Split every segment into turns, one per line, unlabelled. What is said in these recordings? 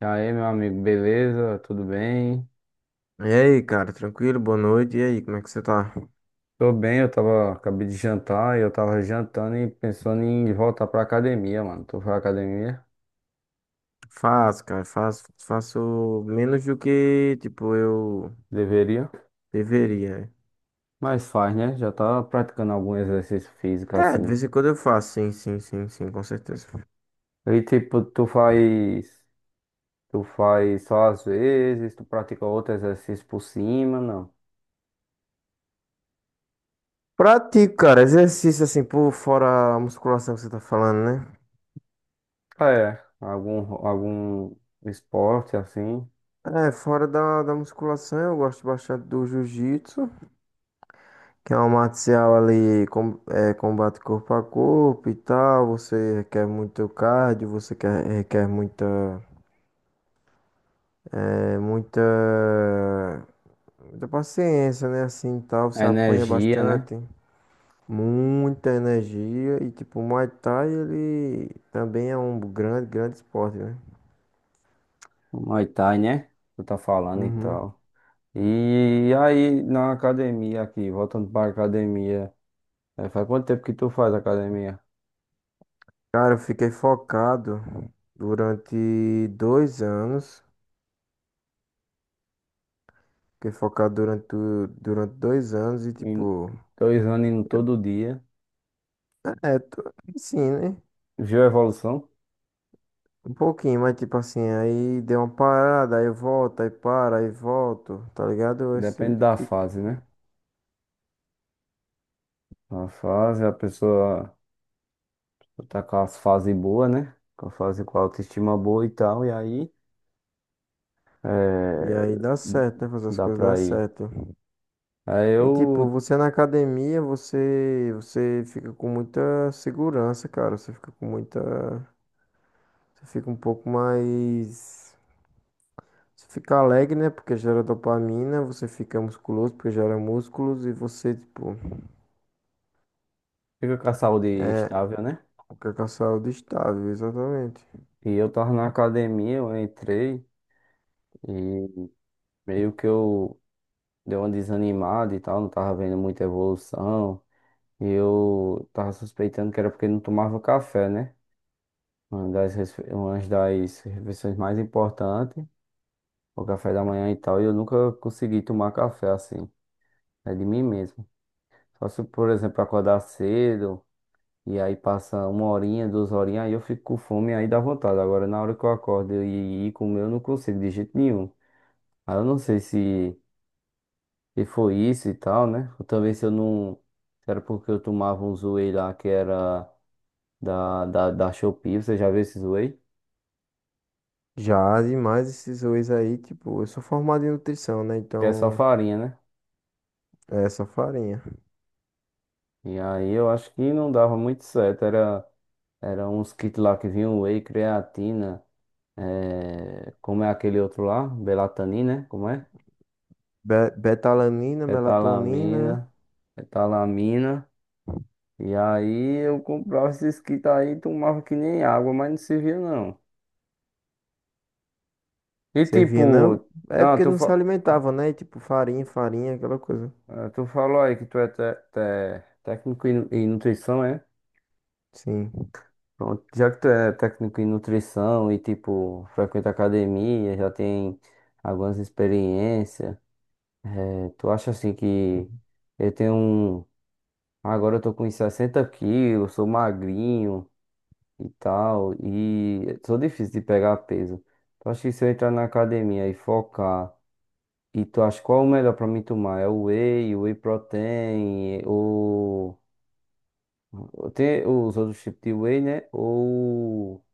E aí, meu amigo, beleza? Tudo bem?
E aí, cara, tranquilo? Boa noite. E aí, como é que você tá?
Tô bem, acabei de jantar e eu tava jantando e pensando em voltar pra academia, mano. Tu foi à academia?
Faço, cara, faço menos do que, tipo, eu
Deveria,
deveria.
mas faz, né? Já tá praticando algum exercício físico
É, de
assim.
vez em quando eu faço, sim, sim, sim, sim, com certeza.
E tipo, tu faz só às vezes, tu pratica outro exercício por cima, não?
Pratico, cara, exercício assim, por fora a musculação que você tá falando, né?
Ah, é, algum esporte assim.
É, fora da musculação, eu gosto bastante do jiu-jitsu, que é uma arte marcial ali, com, é, combate corpo a corpo e tal. Você requer muito cardio, você quer, requer muita, é, muita Muita paciência, né? Assim, tal,
A
você apanha
energia, né?
bastante, muita energia e tipo, o Muay Thai, ele também é um grande, grande esporte, né?
O Muay Thai, né? Tu tá falando e
Uhum.
tal. E aí, na academia aqui, voltando para academia, faz quanto tempo que tu faz academia?
Cara, eu fiquei focado durante 2 anos. Fiquei focado durante, durante 2 anos e,
Em
tipo,
dois anos indo
eu,
todo dia.
tô, assim, né?
Viu a evolução?
Um pouquinho, mas, tipo, assim, aí deu uma parada, aí volta, aí para, aí volto, tá ligado? Esse,
Depende da
tipo
fase, né? Na fase, a pessoa tá com a fase boa, né? Com a fase com a autoestima boa e tal, e aí
e aí
eh,
dá certo, né? Fazer as
dá
coisas dá
pra ir.
certo.
Aí
E tipo,
eu
você na academia, você fica com muita segurança, cara. Você fica com muita, você fica um pouco mais, você fica alegre, né? Porque gera dopamina, você fica musculoso porque gera músculos e você, tipo,
fico com a saúde estável, né?
fica com a saúde estável, exatamente.
E eu tava na academia, eu entrei e meio que eu. Deu uma desanimada e tal, não tava vendo muita evolução. E eu tava suspeitando que era porque não tomava café, né? Uma das refeições mais importantes, o café da manhã e tal, e eu nunca consegui tomar café assim, é de mim mesmo. Só se, por exemplo, acordar cedo e aí passa uma horinha, duas horinhas, aí eu fico com fome, aí dá vontade. Agora, na hora que eu acordo e ir comer, eu não consigo de jeito nenhum. Aí eu não sei se. E foi isso e tal, né? Ou também se eu não. se Era porque eu tomava um whey lá que era da Shopee. Você já viu esses whey?
Já demais esses whey aí, tipo, eu sou formado em nutrição, né?
Que é só
Então,
farinha, né?
é essa farinha.
E aí eu acho que não dava muito certo. Era uns kits lá que vinham whey, creatina, como é aquele outro lá? Belatanina, né? Como é?
Betalanina, melatonina,
Betalamina, betalamina. E aí eu comprava esses kits aí e tomava que nem água, mas não servia não. E tipo,
servia não? É
ah,
porque
tu,
não se alimentava, né? E, tipo, farinha, farinha, aquela coisa.
ah, tu falou aí que tu é técnico em nutrição, é?
Sim.
Pronto, já que tu é técnico em nutrição e, tipo, frequenta academia, já tem algumas experiências, tu acha assim que eu tenho um. Agora eu tô com uns 60 quilos, sou magrinho e tal, e sou difícil de pegar peso. Tu acha que se eu entrar na academia e focar, e tu acha qual é o melhor pra mim tomar? É o whey protein, ou. Tem os outros tipos de whey, né? Ou.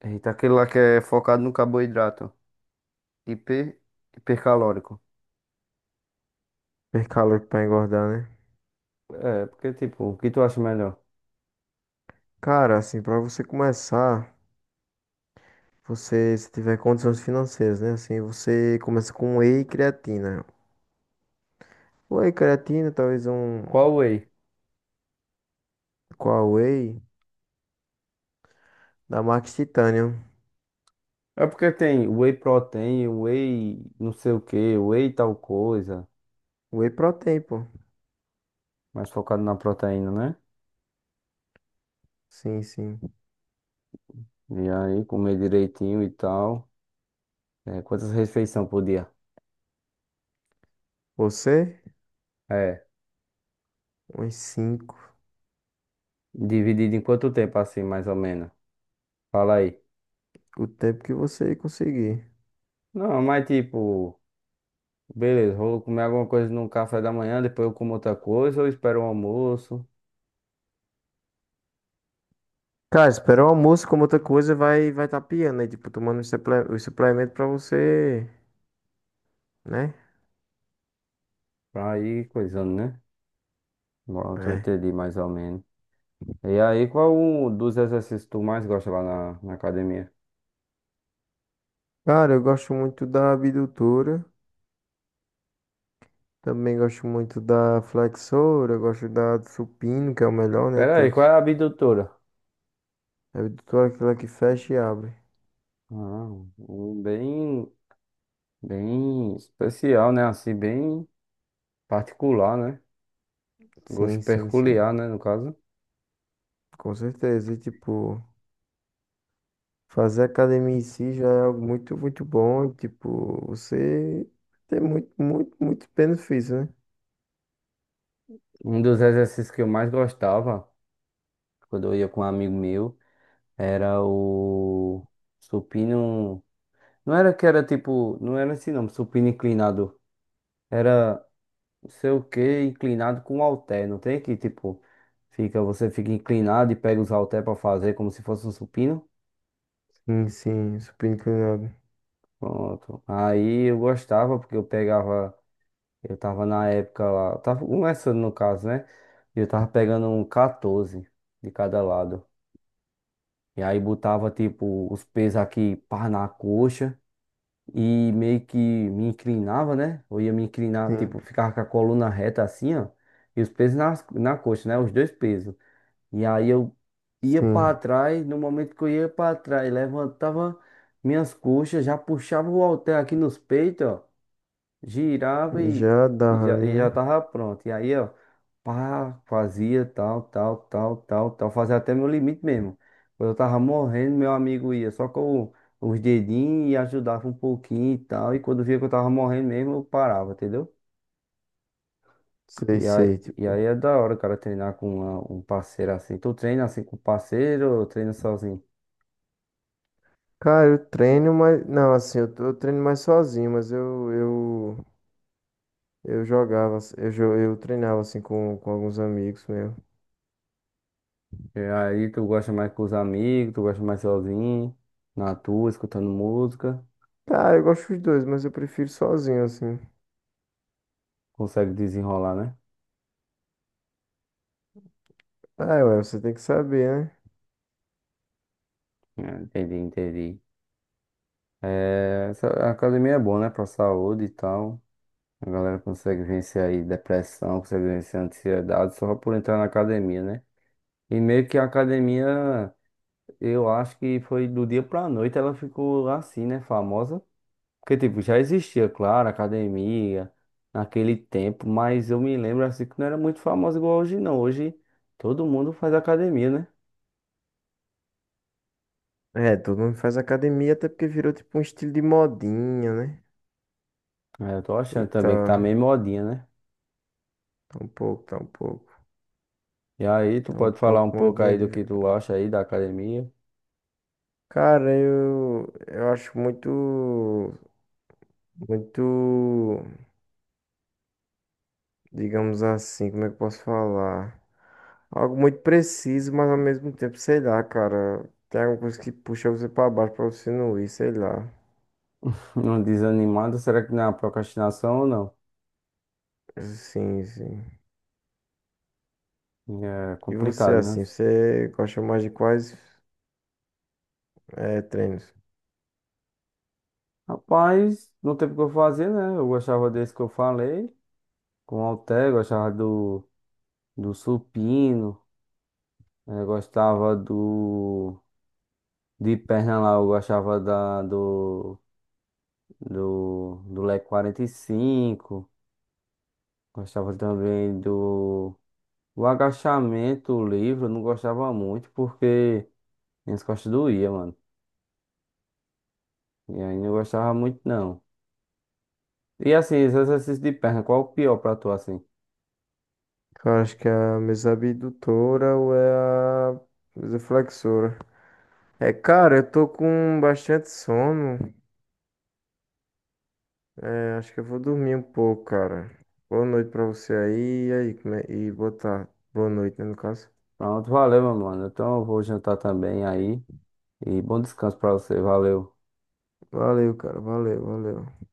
Eita, aquele lá que é focado no carboidrato. Hiper... Hipercalórico.
Per calórico pra engordar, né?
É, porque tipo, o que tu acha melhor?
Cara, assim, pra você começar, você, se tiver condições financeiras, né? Assim, você começa com um whey e creatina. Whey creatina, talvez um...
Qual whey?
Qual whey? Da Max Titanium.
É porque tem whey protein, whey não sei o que, whey tal coisa.
Whey protein, pô.
Mais focado na proteína, né?
Sim, sim.
E aí, comer direitinho e tal. É, quantas refeições por dia?
Você?
É.
Uns cinco.
Dividido em quanto tempo, assim, mais ou menos? Fala aí.
O tempo que você conseguir.
Não, mas tipo. Beleza, vou comer alguma coisa no café da manhã, depois eu como outra coisa, ou espero o almoço,
Cara, esperar o almoço, como outra coisa, vai tá piando, né? Tipo, tomando os os suplementos pra você, né?
pra ir coisando, né? Pronto, eu
É.
entendi mais ou menos. E aí, qual um dos exercícios tu mais gosta lá na academia?
Cara, eu gosto muito da abdutora. Também gosto muito da flexora, gosto da do supino, que é o melhor, né?
Pera aí, qual é
Todos.
a abdutora?
É toda aquela que fecha e abre.
Ah, um bem, bem especial, né? Assim, bem particular, né? Gosto
Sim, sim, sim.
peculiar, né, no caso.
Com certeza. E, tipo, fazer academia em si já é algo muito, muito bom. E, tipo, você tem muito, muito, muito benefício, né?
Um dos exercícios que eu mais gostava, quando eu ia com um amigo meu, era o supino. Não era que era tipo, não era assim não, supino inclinado. Era não sei o que, inclinado com halter, não tem? Que tipo, você fica inclinado e pega os halter pra fazer como se fosse um supino.
Sim, sim. Supino inclinado.
Pronto. Aí eu gostava, porque eu tava na época lá, tava começando no caso, né? E eu tava pegando um 14 de cada lado. E aí botava tipo os pesos aqui, pá, na coxa. E meio que me inclinava, né? Eu ia me inclinar,
Sim,
tipo, ficava com a coluna reta assim, ó, e os pesos na coxa, né? Os dois pesos. E aí eu ia
sim.
para trás, no momento que eu ia para trás, levantava minhas coxas, já puxava o halter aqui nos peitos, ó, girava,
E
e,
já dá
e já,
ali,
e já
né?
tava pronto. E aí, ó, pá, fazia tal, tal, tal, tal, tal, fazia até meu limite mesmo. Quando eu tava morrendo, meu amigo ia só com os dedinhos e ajudava um pouquinho e tal. E quando via que eu tava morrendo mesmo, eu parava, entendeu?
Sei,
E aí,
sei,
e aí
tipo.
é da hora, o cara, treinar com um parceiro assim. Tu treina assim com parceiro ou treina sozinho?
Cara, eu treino, mas. Não, assim, eu, eu treino mais sozinho, mas eu, eu. Eu jogava, eu, eu treinava assim com alguns amigos meu.
E aí, tu gosta mais com os amigos, tu gosta mais sozinho, na tua, escutando música,
Ah, eu gosto dos dois, mas eu prefiro sozinho assim.
consegue desenrolar, né?
Ah, ué, você tem que saber, né?
Ah, entendi, entendi. É, a academia é boa, né? Pra saúde e tal. A galera consegue vencer aí depressão, consegue vencer ansiedade só por entrar na academia, né? E meio que a academia, eu acho que foi do dia pra noite ela ficou assim, né? Famosa. Porque, tipo, já existia, claro, academia naquele tempo, mas eu me lembro assim que não era muito famosa igual hoje, não. Hoje todo mundo faz academia, né?
É, todo mundo faz academia até porque virou tipo um estilo de modinha, né?
É, eu tô achando
Eita,
também que tá meio modinha, né?
tá um pouco, tá um pouco,
E aí, tu
tá um
pode falar um
pouco
pouco
modinha
aí do
de.
que tu acha aí da academia?
Cara, eu acho muito, muito. Digamos assim, como é que eu posso falar? Algo muito preciso, mas ao mesmo tempo, sei lá, cara. Tem alguma coisa que puxa você pra baixo pra você não ir, sei lá.
Não desanimado, será que não é uma procrastinação ou não?
Sim, sim.
É
E você,
complicado, né?
assim, você gosta mais de quais treinos?
Rapaz, não teve o que eu fazer, né? Eu gostava desse que eu falei, com o halter, gostava do supino, gostava do. De perna lá, eu gostava do leg 45, gostava também do. O agachamento livre, eu não gostava muito, porque. Minhas costas doía, mano. E aí não gostava muito, não. E assim, esse exercício de perna, qual o pior pra tu, assim?
Cara, acho que é a mesa abdutora ou é a mesa flexora. É, cara, eu tô com bastante sono. É, acho que eu vou dormir um pouco, cara. Boa noite pra você aí. E aí, e boa tarde. Boa noite, né, no caso.
Pronto, valeu, meu mano. Então eu vou jantar também aí. E bom descanso pra você, valeu.
Valeu, cara. Valeu, valeu.